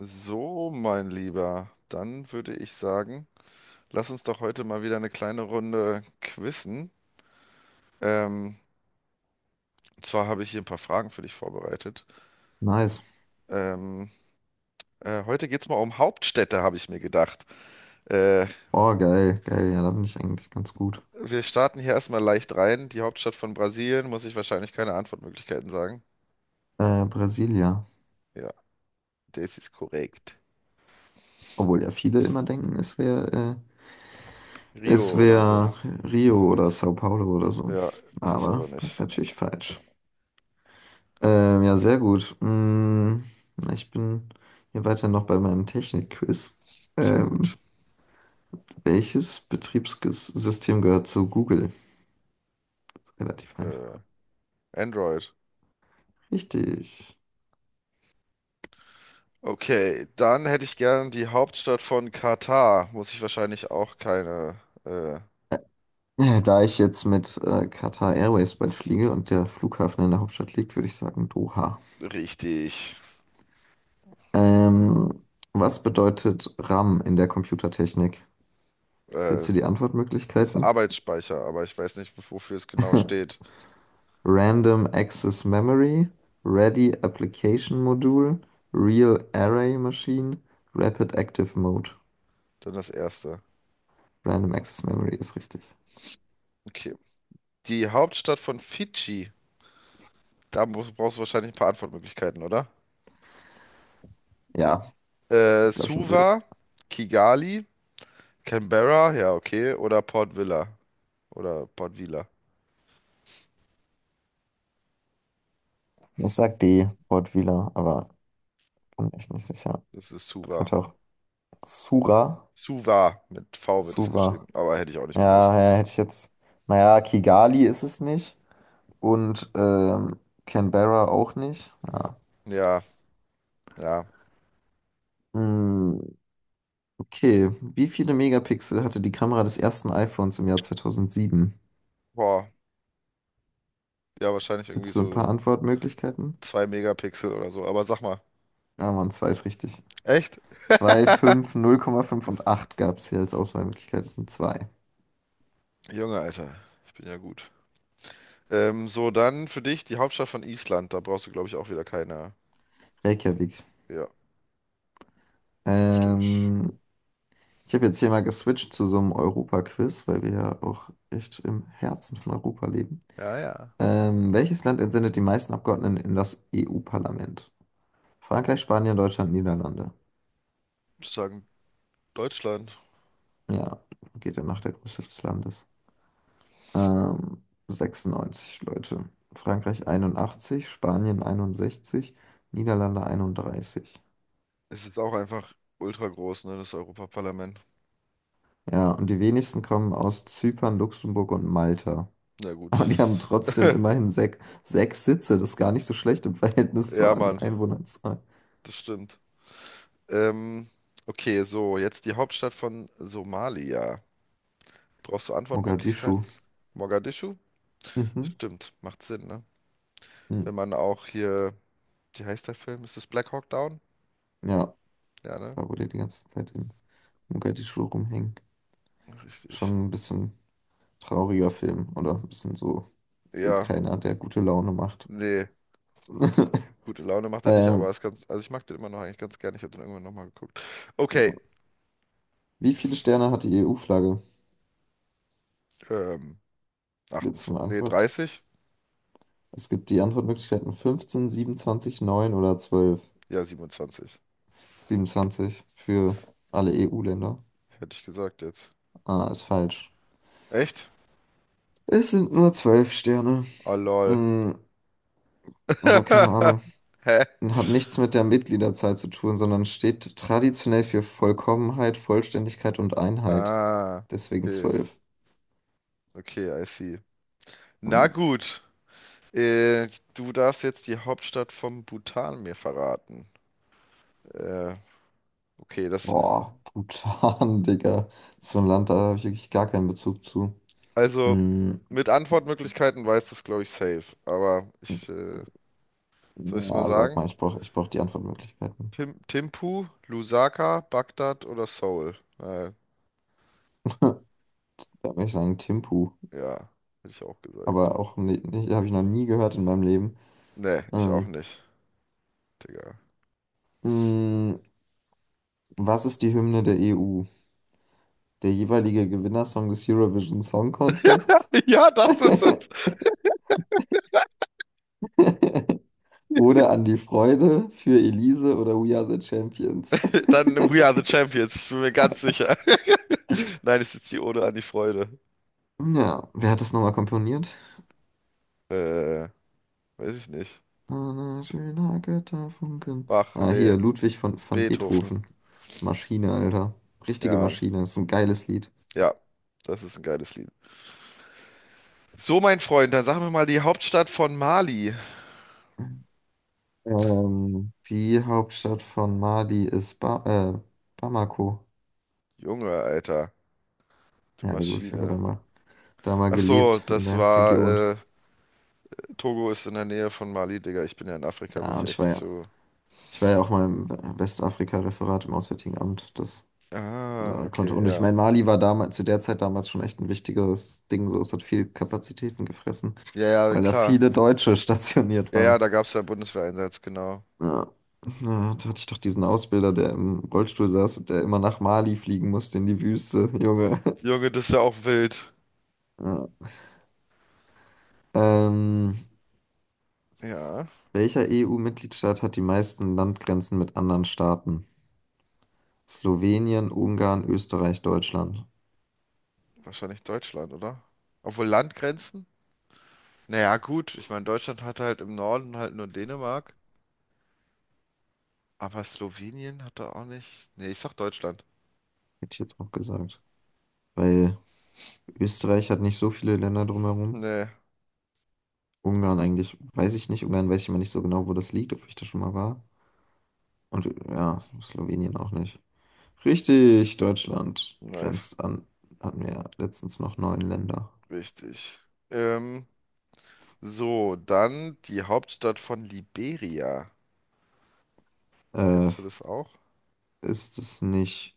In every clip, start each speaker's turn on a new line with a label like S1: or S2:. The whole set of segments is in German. S1: So, mein Lieber, dann würde ich sagen, lass uns doch heute mal wieder eine kleine Runde quizzen. Ähm, zwar habe ich hier ein paar Fragen für dich vorbereitet.
S2: Nice.
S1: Ähm, heute geht es mal um Hauptstädte, habe ich mir gedacht. Äh,
S2: Oh, geil, geil. Ja, da bin ich eigentlich ganz gut.
S1: wir starten hier erstmal leicht rein. Die Hauptstadt von Brasilien, muss ich wahrscheinlich keine Antwortmöglichkeiten sagen.
S2: Brasilia.
S1: Ja, das ist korrekt.
S2: Obwohl ja viele immer denken, es
S1: Rio oder so.
S2: wäre Rio oder Sao Paulo oder so.
S1: Ja, es ist
S2: Aber
S1: aber
S2: das ist
S1: nicht.
S2: natürlich falsch. Ja, sehr gut. Ich bin hier weiter noch bei meinem Technik-Quiz.
S1: Sehr
S2: Ähm,
S1: gut.
S2: welches Betriebssystem gehört zu Google? Relativ einfach.
S1: Äh, Android.
S2: Richtig.
S1: Okay, dann hätte ich gern die Hauptstadt von Katar. Muss ich wahrscheinlich auch keine
S2: Da ich jetzt mit Qatar Airways bald fliege und der Flughafen in der Hauptstadt liegt, würde ich sagen Doha.
S1: richtig.
S2: Ähm, was bedeutet RAM in der Computertechnik?
S1: Äh,
S2: Willst du die
S1: das ist
S2: Antwortmöglichkeiten?
S1: Arbeitsspeicher, aber ich weiß nicht, wofür es genau steht.
S2: Random Access Memory, Ready Application Module, Real Array Machine, Rapid Active Mode.
S1: Dann das erste.
S2: Random Access Memory ist richtig.
S1: Okay. Die Hauptstadt von Fidschi. Da muss, brauchst du wahrscheinlich ein paar Antwortmöglichkeiten, oder?
S2: Ja, das glaube ich schon will.
S1: Suva, Kigali, Canberra, ja, okay. Oder Port Vila.
S2: Ich sag D, Wortwähler, aber bin echt nicht sicher.
S1: Das ist Suva.
S2: Könnte auch Sura,
S1: Suva, mit V wird es geschrieben.
S2: Suva.
S1: Aber hätte ich auch nicht
S2: Ja,
S1: gewusst.
S2: ja, hätte ich jetzt. Naja, Kigali ist es nicht. Und Canberra auch nicht. Ja.
S1: Ja, ja.
S2: Hm, okay. Wie viele Megapixel hatte die Kamera des ersten iPhones im Jahr 2007?
S1: Boah. Ja, wahrscheinlich irgendwie
S2: Willst du ein paar
S1: so
S2: Antwortmöglichkeiten?
S1: 2 Megapixel oder so. Aber sag mal,
S2: Ja, Mann, zwei ist richtig.
S1: echt?
S2: Zwei fünf 0,5 und 8 gab es hier als Auswahlmöglichkeit. Das sind zwei.
S1: Junge, Alter, ich bin ja gut. So, dann für dich die Hauptstadt von Island. Da brauchst du, glaube ich, auch wieder keine.
S2: Reykjavik.
S1: Ja, richtig.
S2: Ähm, ich habe jetzt hier mal geswitcht zu so einem Europa-Quiz, weil wir ja auch echt im Herzen von Europa leben.
S1: Ja, ja.
S2: Welches Land entsendet die meisten Abgeordneten in das EU-Parlament? Frankreich, Spanien, Deutschland, Niederlande.
S1: Sozusagen Deutschland.
S2: Ja, geht ja nach der Größe des Landes. 96 Leute. Frankreich 81, Spanien 61, Niederlande 31.
S1: Es ist auch einfach ultra groß, ne, das Europaparlament.
S2: Ja, und die wenigsten kommen aus Zypern, Luxemburg und Malta.
S1: Na gut.
S2: Aber die haben trotzdem immerhin sechs Sitze. Das ist gar nicht so schlecht im Verhältnis
S1: Ja,
S2: zur
S1: Mann,
S2: Einwohnerzahl.
S1: das stimmt. Ähm, okay, so, jetzt die Hauptstadt von Somalia. Brauchst du Antwortmöglichkeiten?
S2: Mogadischu.
S1: Mogadischu?
S2: Mhm.
S1: Stimmt, macht Sinn, ne?
S2: Hm.
S1: Wenn man auch hier, wie heißt der Film? Ist es Black Hawk Down?
S2: Ja,
S1: Ja, ne?
S2: da wo die die ganze Zeit in Mogadischu rumhängen.
S1: Richtig.
S2: Schon ein bisschen. Trauriger Film oder ein bisschen so, jetzt
S1: Ja,
S2: keiner, der gute Laune macht.
S1: nee, gute Laune macht er nicht, aber
S2: Ähm,
S1: ist ganz, also ich mag den immer noch eigentlich ganz gerne. Ich habe den irgendwann nochmal geguckt. Okay,
S2: wie viele Sterne hat die EU-Flagge?
S1: ähm,
S2: Jetzt eine
S1: 28, nee,
S2: Antwort.
S1: 30?
S2: Es gibt die Antwortmöglichkeiten 15, 27, 9 oder 12.
S1: Ja, 27
S2: 27 für alle EU-Länder.
S1: hätte ich gesagt jetzt.
S2: Ah, ist falsch.
S1: Echt?
S2: Es sind nur 12 Sterne.
S1: Oh, lol.
S2: Hm, aber keine Ahnung.
S1: Hä?
S2: Hat nichts mit der Mitgliederzahl zu tun, sondern steht traditionell für Vollkommenheit, Vollständigkeit und Einheit.
S1: Ah,
S2: Deswegen
S1: okay,
S2: 12.
S1: okay, I see. Na gut, äh, du darfst jetzt die Hauptstadt vom Bhutan mir verraten. Äh, okay, das,
S2: Boah, Bhutan, Digga. So ein Land, da habe ich wirklich gar keinen Bezug zu.
S1: Also
S2: Mm,
S1: mit Antwortmöglichkeiten weiß das, glaube ich, safe. Aber soll ich es mal
S2: ja, sag
S1: sagen?
S2: mal, ich brauch die Antwortmöglichkeiten.
S1: Tim, Timpu, Lusaka, Bagdad oder Seoul?
S2: Da würde ich sagen Thimphu.
S1: Ja, hätte ich auch gesagt.
S2: Aber auch nicht, nicht habe ich noch nie gehört in meinem Leben.
S1: Nee, ich auch
S2: Ähm,
S1: nicht, Digga.
S2: mm, was ist die Hymne der EU? Der jeweilige Gewinnersong des Eurovision Song Contests?
S1: Ja, das ist es.
S2: Oder An die Freude für Elise oder We Are the Champions?
S1: Dann We Are the Champions, ich bin mir ganz sicher. Nein, es ist die Ode an die Freude.
S2: Ja, wer hat das nochmal komponiert?
S1: Äh, weiß ich nicht.
S2: Ein schöner Götterfunken.
S1: Bach,
S2: Ah,
S1: nee,
S2: hier, Ludwig von
S1: Beethoven.
S2: Beethoven. Maschine, Alter.
S1: Ja,
S2: Richtige
S1: Mann.
S2: Maschine. Das ist ein geiles Lied.
S1: Ja, das ist ein geiles Lied. So, mein Freund, dann sag mir mal die Hauptstadt von Mali.
S2: Die Hauptstadt von Mali ist ba äh, Bamako.
S1: Junge, Alter, du
S2: Ja, gut, ich habe ja
S1: Maschine.
S2: da mal
S1: Ach so,
S2: gelebt in
S1: das
S2: der Region.
S1: war, äh, Togo ist in der Nähe von Mali, Digga. Ich bin ja in Afrika, bin
S2: Ja,
S1: ich
S2: und
S1: echt nicht so.
S2: ich war ja auch mal im Westafrika-Referat im Auswärtigen Amt. Das
S1: Ah,
S2: da
S1: okay,
S2: konnte. Und ich
S1: ja.
S2: meine, Mali war damals, zu der Zeit damals schon echt ein wichtiges Ding. So, es hat viel Kapazitäten gefressen,
S1: Ja, ja,
S2: weil da
S1: klar.
S2: viele Deutsche stationiert
S1: Ja,
S2: waren.
S1: ja, da gab's ja einen Bundeswehreinsatz, genau.
S2: Ja. Ja, da hatte ich doch diesen Ausbilder, der im Rollstuhl saß und der immer nach Mali fliegen musste in die Wüste, Junge.
S1: Junge, das ist ja auch wild.
S2: Ja. Ähm,
S1: Ja,
S2: welcher EU-Mitgliedstaat hat die meisten Landgrenzen mit anderen Staaten? Slowenien, Ungarn, Österreich, Deutschland.
S1: wahrscheinlich Deutschland, oder? Obwohl Landgrenzen? Naja, gut, ich meine, Deutschland hatte halt im Norden halt nur Dänemark, aber Slowenien hat da auch nicht. Nee, ich sag Deutschland.
S2: Hätte ich jetzt auch gesagt. Weil Österreich hat nicht so viele Länder drumherum.
S1: Nee,
S2: Ungarn eigentlich, weiß ich nicht. Ungarn weiß ich immer nicht so genau, wo das liegt, ob ich da schon mal war. Und ja, Slowenien auch nicht. Richtig, Deutschland
S1: nice,
S2: grenzt an, hatten wir ja letztens noch neun Länder.
S1: richtig. Ähm. So, dann die Hauptstadt von Liberia.
S2: Äh,
S1: Kennst du das auch?
S2: ist es nicht,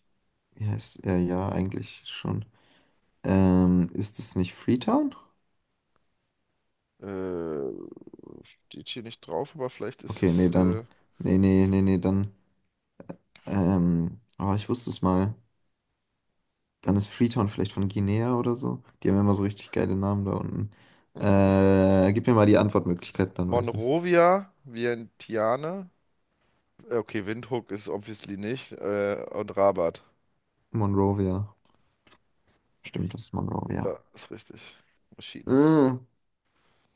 S2: wie heißt, ja, ja, eigentlich schon. Ist es nicht Freetown?
S1: Äh, steht hier nicht drauf, aber vielleicht ist
S2: Okay, nee,
S1: es
S2: dann, nee, nee, nee, nee, dann, oh, ich wusste es mal. Dann ist Freetown vielleicht von Guinea oder so. Die haben immer so richtig geile Namen da unten. Gib mir mal die Antwortmöglichkeit, dann weiß ich es.
S1: Monrovia, Vientiane. Okay, Windhoek ist obviously nicht. Und Rabat.
S2: Monrovia. Stimmt, das ist Monrovia.
S1: Ja, ist richtig. Maschine.
S2: Äh.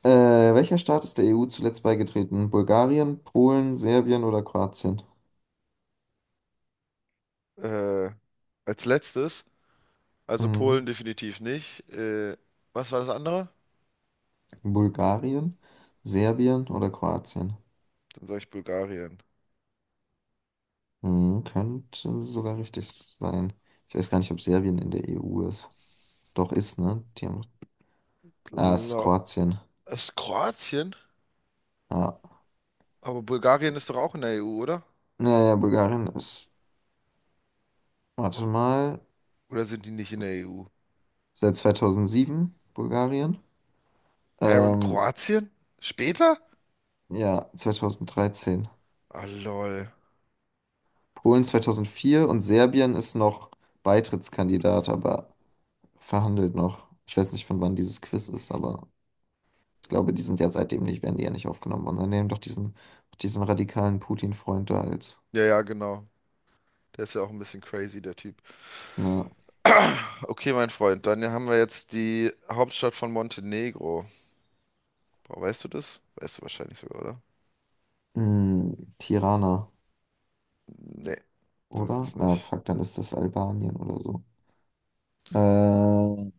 S2: Äh, welcher Staat ist der EU zuletzt beigetreten? Bulgarien, Polen, Serbien oder Kroatien?
S1: Äh, als letztes, also
S2: Mhm.
S1: Polen definitiv nicht. Was war das andere?
S2: Bulgarien, Serbien oder Kroatien?
S1: Dann sage ich Bulgarien.
S2: Mhm, könnte sogar richtig sein. Ich weiß gar nicht, ob Serbien in der EU ist. Doch ist, ne? Die haben... Ah, es ist
S1: Gla-
S2: Kroatien.
S1: ist Kroatien?
S2: Ja.
S1: Aber Bulgarien ist doch auch in der EU, oder?
S2: Naja, Bulgarien ist, warte mal,
S1: Oder sind die nicht in der EU?
S2: seit 2007 Bulgarien.
S1: Hä, und
S2: Ähm,
S1: Kroatien? Später?
S2: ja, 2013.
S1: Ah, lol.
S2: Polen 2004 und Serbien ist noch Beitrittskandidat, aber verhandelt noch. Ich weiß nicht, von wann dieses Quiz ist, aber ich glaube, die sind ja seitdem nicht, werden die ja nicht aufgenommen worden. Dann nehmen doch diesen radikalen Putin-Freund da als
S1: Ja, ja, genau. Der ist ja auch ein bisschen crazy, der Typ.
S2: ne,
S1: Okay, mein Freund, dann haben wir jetzt die Hauptstadt von Montenegro. Boah, weißt du das? Weißt du wahrscheinlich sogar, oder?
S2: Tirana,
S1: Nee, das
S2: oder?
S1: ist
S2: Na,
S1: nicht.
S2: fuck, dann ist das Albanien oder so. Äh,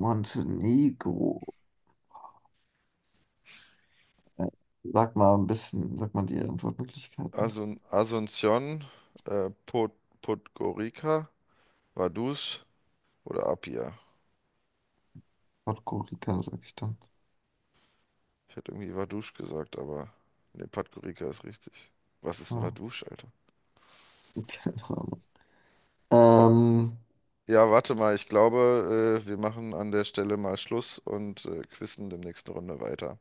S2: Montenegro. Äh, Sag mal die Antwortmöglichkeiten.
S1: Asunción, äh, Pod Podgorica, Vaduz oder Apia.
S2: Podgorica, sag ich dann.
S1: Ich hätte irgendwie Vaduz gesagt, aber nee, Podgorica ist richtig. Was ist ein
S2: Ja,
S1: Vaduz, Alter?
S2: keine Ahnung.
S1: Oh,
S2: Ähm,
S1: ja, warte mal, ich glaube, wir machen an der Stelle mal Schluss und quissen demnächst eine Runde weiter.